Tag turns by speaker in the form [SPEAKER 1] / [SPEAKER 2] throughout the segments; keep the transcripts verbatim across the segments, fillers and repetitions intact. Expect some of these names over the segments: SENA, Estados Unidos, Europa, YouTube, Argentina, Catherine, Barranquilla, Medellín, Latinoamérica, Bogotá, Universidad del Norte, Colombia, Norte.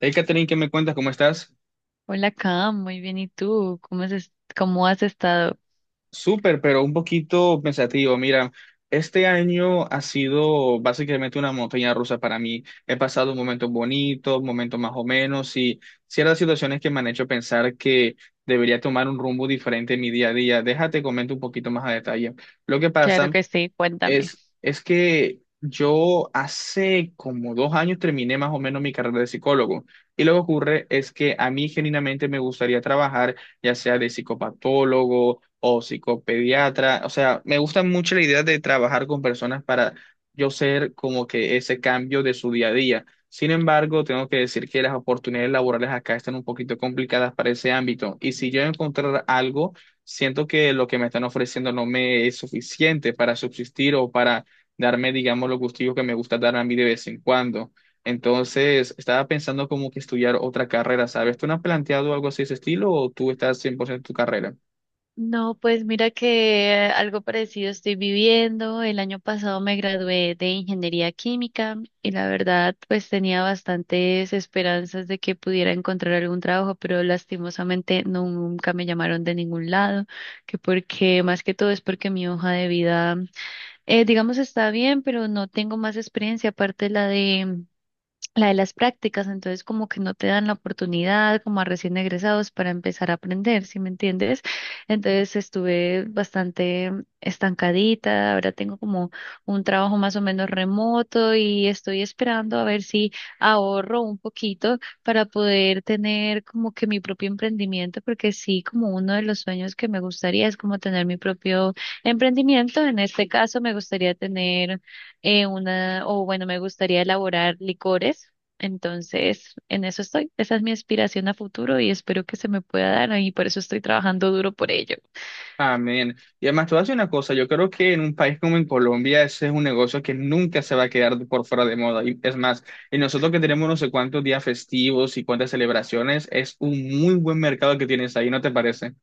[SPEAKER 1] Hey, Catherine, ¿qué me cuentas? ¿Cómo estás?
[SPEAKER 2] Hola, Cam, muy bien. ¿Y tú? ¿Cómo has, es- ¿cómo has estado?
[SPEAKER 1] Súper, pero un poquito pensativo. Mira, este año ha sido básicamente una montaña rusa para mí. He pasado momentos bonitos, momentos más o menos, y ciertas situaciones que me han hecho pensar que debería tomar un rumbo diferente en mi día a día. Déjate comento un poquito más a detalle. Lo que
[SPEAKER 2] Claro
[SPEAKER 1] pasa.
[SPEAKER 2] que sí, cuéntame.
[SPEAKER 1] Es, es que yo hace como dos años terminé más o menos mi carrera de psicólogo y lo que ocurre es que a mí genuinamente me gustaría trabajar ya sea de psicopatólogo o psicopediatra, o sea, me gusta mucho la idea de trabajar con personas para yo ser como que ese cambio de su día a día. Sin embargo, tengo que decir que las oportunidades laborales acá están un poquito complicadas para ese ámbito y si yo encontrar algo siento que lo que me están ofreciendo no me es suficiente para subsistir o para darme, digamos, los gustillos que me gusta dar a mí de vez en cuando. Entonces, estaba pensando como que estudiar otra carrera, ¿sabes? ¿Tú no has planteado algo así de ese estilo o tú estás cien por ciento en tu carrera?
[SPEAKER 2] No, pues mira que eh, algo parecido estoy viviendo. El año pasado me gradué de ingeniería química y la verdad, pues tenía bastantes esperanzas de que pudiera encontrar algún trabajo, pero lastimosamente nunca me llamaron de ningún lado, que porque más que todo es porque mi hoja de vida, eh, digamos, está bien, pero no tengo más experiencia aparte de la de la de las prácticas, entonces como que no te dan la oportunidad como a recién egresados para empezar a aprender, ¿sí me entiendes? Entonces estuve bastante mm, estancadita, ahora tengo como un trabajo más o menos remoto y estoy esperando a ver si ahorro un poquito para poder tener como que mi propio emprendimiento, porque sí, como uno de los sueños que me gustaría es como tener mi propio emprendimiento. En este caso me gustaría tener eh, una, o bueno, me gustaría elaborar licores. Entonces, en eso estoy. Esa es mi aspiración a futuro y espero que se me pueda dar y por eso estoy trabajando duro por ello.
[SPEAKER 1] Amén. Y además, te voy a decir una cosa, yo creo que en un país como en Colombia ese es un negocio que nunca se va a quedar por fuera de moda. Y es más, y nosotros que tenemos no sé cuántos días festivos y cuántas celebraciones, es un muy buen mercado que tienes ahí, ¿no te parece?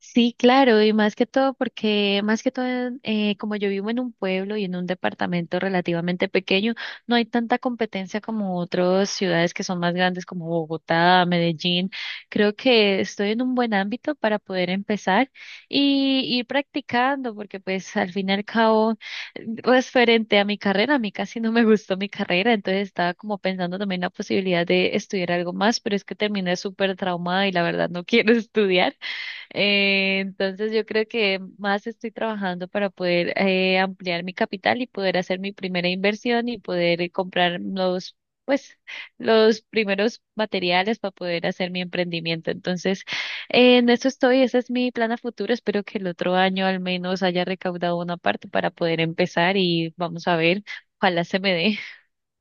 [SPEAKER 2] Sí, claro, y más que todo porque, más que todo, eh, como yo vivo en un pueblo y en un departamento relativamente pequeño, no hay tanta competencia como otras ciudades que son más grandes como Bogotá, Medellín. Creo que estoy en un buen ámbito para poder empezar y ir practicando, porque pues al fin y al cabo, referente a mi carrera, a mí casi no me gustó mi carrera, entonces estaba como pensando también la posibilidad de estudiar algo más, pero es que terminé súper traumada y la verdad no quiero estudiar. Eh, entonces yo creo que más estoy trabajando para poder eh, ampliar mi capital y poder hacer mi primera inversión y poder eh, comprar los, pues, los primeros materiales para poder hacer mi emprendimiento. Entonces, eh, en eso estoy, ese es mi plan a futuro. Espero que el otro año al menos haya recaudado una parte para poder empezar y vamos a ver, ojalá se me dé.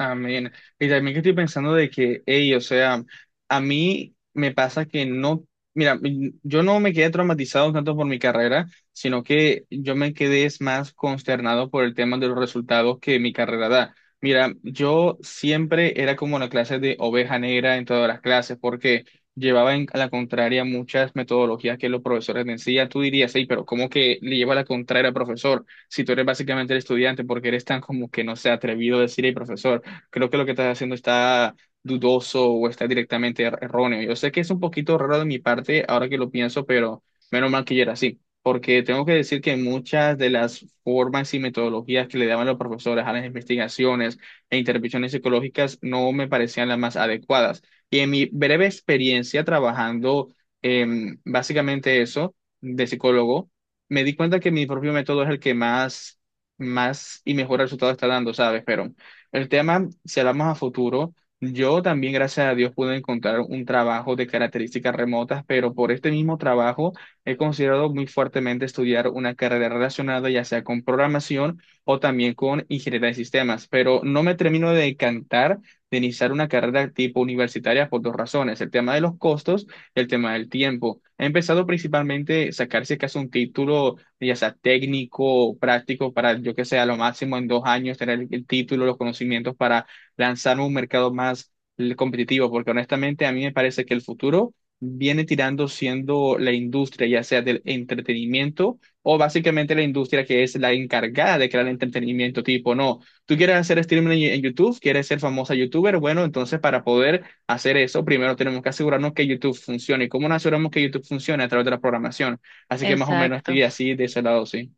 [SPEAKER 1] Amén. Y también que estoy pensando de que, hey, o sea, a mí me pasa que no, mira, mm, yo no me quedé traumatizado tanto por mi carrera, sino que yo me quedé es más consternado por el tema de los resultados que mi carrera da. Mira, yo siempre era como la clase de oveja negra en todas las clases, porque llevaba en- a la contraria muchas metodologías que los profesores me enseñan. Tú dirías, hey, pero ¿cómo que le lleva a la contraria al profesor? Si tú eres básicamente el estudiante, porque eres tan como que no se atrevido a decir, hey, profesor, creo que lo que estás haciendo está dudoso o está directamente er- erróneo. Yo sé que es un poquito raro de mi parte ahora que lo pienso, pero menos mal que yo era así, porque tengo que decir que muchas de las formas y metodologías que le daban los profesores a las investigaciones e intervenciones psicológicas no me parecían las más adecuadas. Y en mi breve experiencia trabajando en básicamente eso de psicólogo, me di cuenta que mi propio método es el que más, más y mejor resultado está dando, ¿sabes? Pero el tema, si hablamos a futuro, yo también, gracias a Dios, pude encontrar un trabajo de características remotas, pero por este mismo trabajo he considerado muy fuertemente estudiar una carrera relacionada, ya sea con programación o también con ingeniería de sistemas, pero no me termino de encantar de iniciar una carrera tipo universitaria por dos razones: el tema de los costos y el tema del tiempo. He empezado principalmente a sacarse casi un título ya sea técnico o práctico, para yo que sé, a lo máximo en dos años tener el, el título, los conocimientos para lanzar un mercado más eh, competitivo, porque honestamente a mí me parece que el futuro viene tirando siendo la industria, ya sea del entretenimiento o básicamente la industria que es la encargada de crear entretenimiento, tipo, no, tú quieres hacer streaming en en YouTube, quieres ser famosa youtuber, bueno, entonces para poder hacer eso, primero tenemos que asegurarnos que YouTube funcione. ¿Y cómo nos aseguramos que YouTube funcione? A través de la programación. Así que más o menos
[SPEAKER 2] Exacto.
[SPEAKER 1] estoy así de ese lado, sí.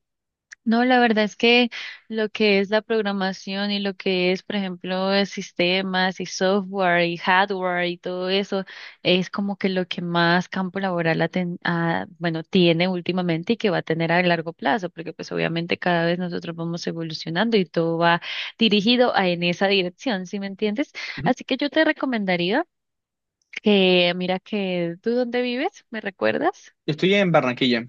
[SPEAKER 2] No, la verdad es que lo que es la programación y lo que es, por ejemplo, eh, sistemas y software y hardware y todo eso es como que lo que más campo laboral ha ten- ha- bueno, tiene últimamente y que va a tener a largo plazo, porque pues obviamente cada vez nosotros vamos evolucionando y todo va dirigido a, en esa dirección, ¿sí me entiendes?
[SPEAKER 1] Ujú.
[SPEAKER 2] Así que yo te recomendaría que, mira que tú dónde vives, ¿me recuerdas?
[SPEAKER 1] Estoy en Barranquilla.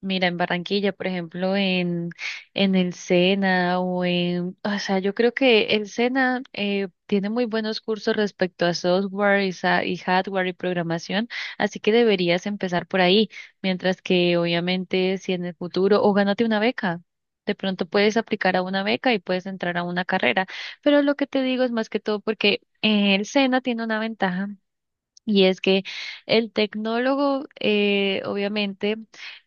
[SPEAKER 2] Mira, en Barranquilla, por ejemplo, en, en el Sena o en, o sea, yo creo que el Sena eh, tiene muy buenos cursos respecto a software y, sa- y hardware y programación, así que deberías empezar por ahí, mientras que obviamente si en el futuro, o gánate una beca. De pronto puedes aplicar a una beca y puedes entrar a una carrera, pero lo que te digo es más que todo porque eh, el SENA tiene una ventaja y es que el tecnólogo, eh, obviamente,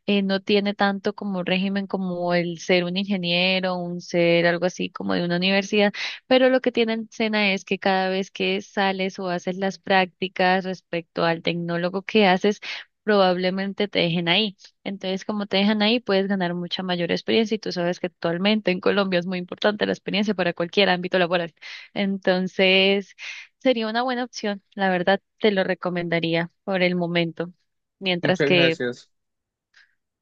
[SPEAKER 2] eh, no tiene tanto como régimen como el ser un ingeniero, un ser algo así como de una universidad, pero lo que tiene en Sena es que cada vez que sales o haces las prácticas respecto al tecnólogo que haces, probablemente te dejen ahí. Entonces, como te dejan ahí, puedes ganar mucha mayor experiencia y tú sabes que actualmente en Colombia es muy importante la experiencia para cualquier ámbito laboral. Entonces... sería una buena opción, la verdad te lo recomendaría por el momento. Mientras
[SPEAKER 1] Muchas
[SPEAKER 2] que,
[SPEAKER 1] gracias.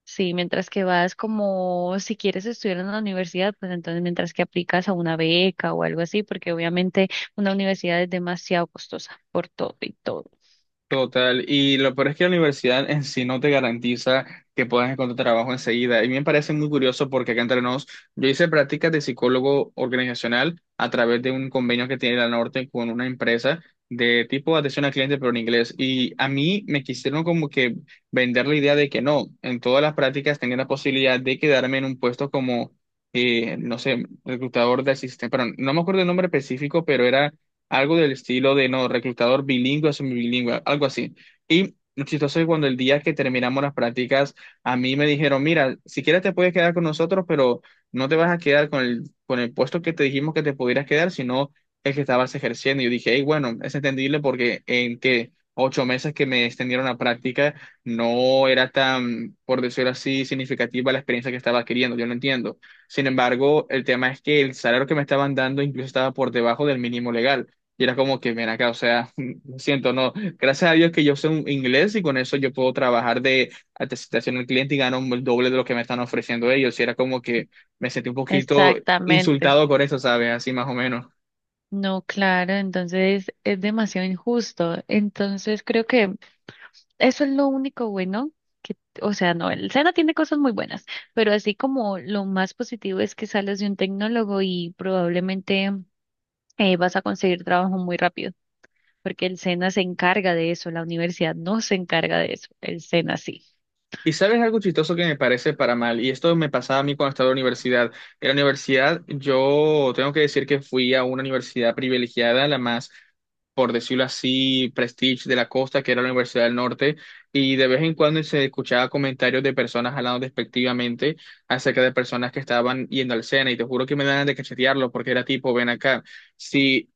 [SPEAKER 2] sí, mientras que vas, como si quieres estudiar en la universidad, pues entonces mientras que aplicas a una beca o algo así, porque obviamente una universidad es demasiado costosa por todo y todo.
[SPEAKER 1] Total, y lo peor es que la universidad en sí no te garantiza que puedas encontrar trabajo enseguida. Y me parece muy curioso porque acá entre nos, yo hice prácticas de psicólogo organizacional a través de un convenio que tiene la Norte con una empresa de tipo atención al cliente, pero en inglés. Y a mí me quisieron como que vender la idea de que no, en todas las prácticas tenía la posibilidad de quedarme en un puesto como, eh, no sé, reclutador de asistente, pero no me acuerdo el nombre específico, pero era algo del estilo de no, reclutador bilingüe o semibilingüe, algo así. Y lo chistoso es cuando el día que terminamos las prácticas, a mí me dijeron, mira, si quieres te puedes quedar con nosotros, pero no te vas a quedar con el, con el puesto que te dijimos que te pudieras quedar, sino el que estabas ejerciendo. Y yo dije, hey, bueno, es entendible porque en que ocho meses que me extendieron la práctica, no era tan, por decirlo así, significativa la experiencia que estaba adquiriendo, yo lo entiendo. Sin embargo, el tema es que el salario que me estaban dando incluso estaba por debajo del mínimo legal. Y era como que, ven acá, o sea, lo siento, no. Gracias a Dios que yo sé un inglés y con eso yo puedo trabajar de atención al cliente y gano el doble de lo que me están ofreciendo ellos. Y era como que me sentí un poquito
[SPEAKER 2] Exactamente.
[SPEAKER 1] insultado con eso, ¿sabes? Así más o menos.
[SPEAKER 2] No, claro, entonces es demasiado injusto. Entonces creo que eso es lo único bueno que, o sea, no, el SENA tiene cosas muy buenas, pero así como lo más positivo es que sales de un tecnólogo y probablemente eh, vas a conseguir trabajo muy rápido, porque el SENA se encarga de eso, la universidad no se encarga de eso, el SENA sí.
[SPEAKER 1] Y sabes algo chistoso que me parece para mal, y esto me pasaba a mí cuando estaba en la universidad. En la universidad yo tengo que decir que fui a una universidad privilegiada, la más, por decirlo así, prestige de la costa, que era la Universidad del Norte, y de vez en cuando se escuchaba comentarios de personas hablando despectivamente acerca de personas que estaban yendo al SENA, y te juro que me dan ganas de cachetearlo, porque era tipo, ven acá, si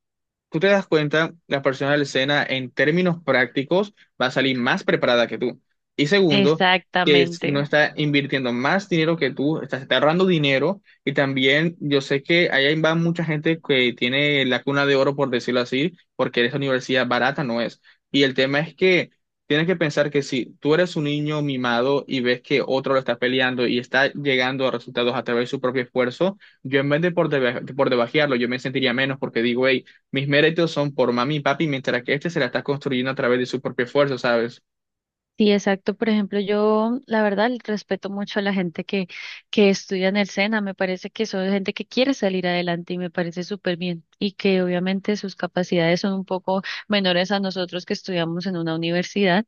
[SPEAKER 1] tú te das cuenta, la persona de la escena en términos prácticos va a salir más preparada que tú. Y segundo, que es- no
[SPEAKER 2] Exactamente.
[SPEAKER 1] está invirtiendo más dinero que tú, está, está ahorrando dinero. Y también yo sé que allá va mucha gente que tiene la cuna de oro, por decirlo así, porque esa universidad barata no es. Y el tema es que tienes que pensar que si tú eres un niño mimado y ves que otro lo está peleando y está llegando a resultados a través de su propio esfuerzo, yo en vez de por, deba- por debajearlo, yo me sentiría menos porque digo, "Ey, mis méritos son por mami y papi, mientras que este se la está construyendo a través de su propio esfuerzo, ¿sabes?
[SPEAKER 2] Sí, exacto. Por ejemplo, yo la verdad respeto mucho a la gente que, que estudia en el SENA. Me parece que son gente que quiere salir adelante y me parece súper bien. Y que obviamente sus capacidades son un poco menores a nosotros que estudiamos en una universidad.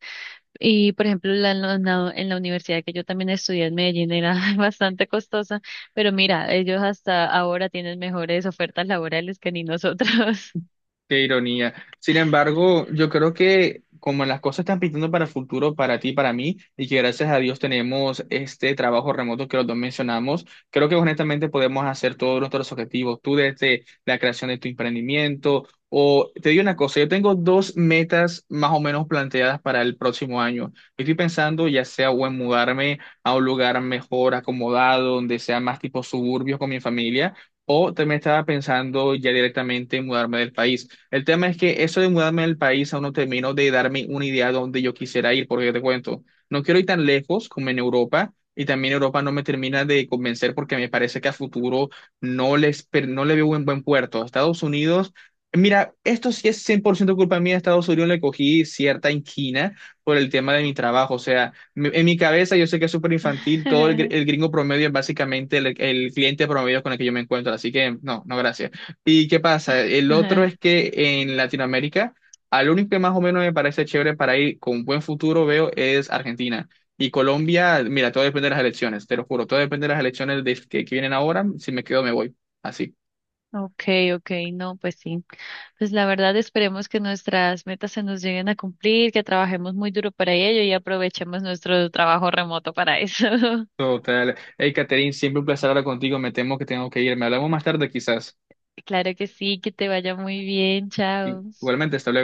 [SPEAKER 2] Y por ejemplo, la, en la, la- en la universidad que yo también estudié en Medellín era bastante costosa. Pero mira, ellos hasta ahora tienen mejores ofertas laborales que ni nosotros.
[SPEAKER 1] Qué ironía. Sin embargo, yo creo que como las cosas están pintando para el futuro, para ti, para mí, y que gracias a Dios tenemos este trabajo remoto que los dos mencionamos, creo que honestamente podemos hacer todos nuestros objetivos. Tú desde la creación de tu emprendimiento, o te digo una cosa, yo tengo dos metas más o menos planteadas para el próximo año. Estoy pensando ya sea o en mudarme a un lugar mejor acomodado, donde sea más tipo suburbios con mi familia. O también estaba pensando ya directamente en mudarme del país. El tema es que eso de mudarme del país aún no termino de darme una idea de dónde yo quisiera ir, porque te cuento, no quiero ir tan lejos como en Europa, y también Europa no me termina de convencer porque me parece que a futuro no les, per- no le veo un buen puerto. Estados Unidos, mira, esto sí es cien por ciento culpa mía, a Estados Unidos le cogí cierta inquina por el tema de mi trabajo, o sea, me- en mi cabeza yo sé que es súper infantil, todo el, gr- el gringo promedio es básicamente el, el cliente promedio con el que yo me encuentro, así que no, no, gracias. ¿Y qué pasa? El otro es que en Latinoamérica, al único que más o menos me parece chévere para ir con buen futuro, veo, es Argentina. Y Colombia, mira, todo depende de las elecciones, te lo juro, todo depende de las elecciones de- que, que vienen ahora. Si me quedo, me voy. Así.
[SPEAKER 2] Okay, okay, no, pues sí. Pues la verdad esperemos que nuestras metas se nos lleguen a cumplir, que trabajemos muy duro para ello y aprovechemos nuestro trabajo remoto para eso.
[SPEAKER 1] Total. Hey, Catherine, siempre un placer hablar contigo. Me temo que tengo que ir. Me hablamos más tarde, quizás.
[SPEAKER 2] Claro que sí, que te vaya muy bien, chao.
[SPEAKER 1] Igualmente, hasta luego.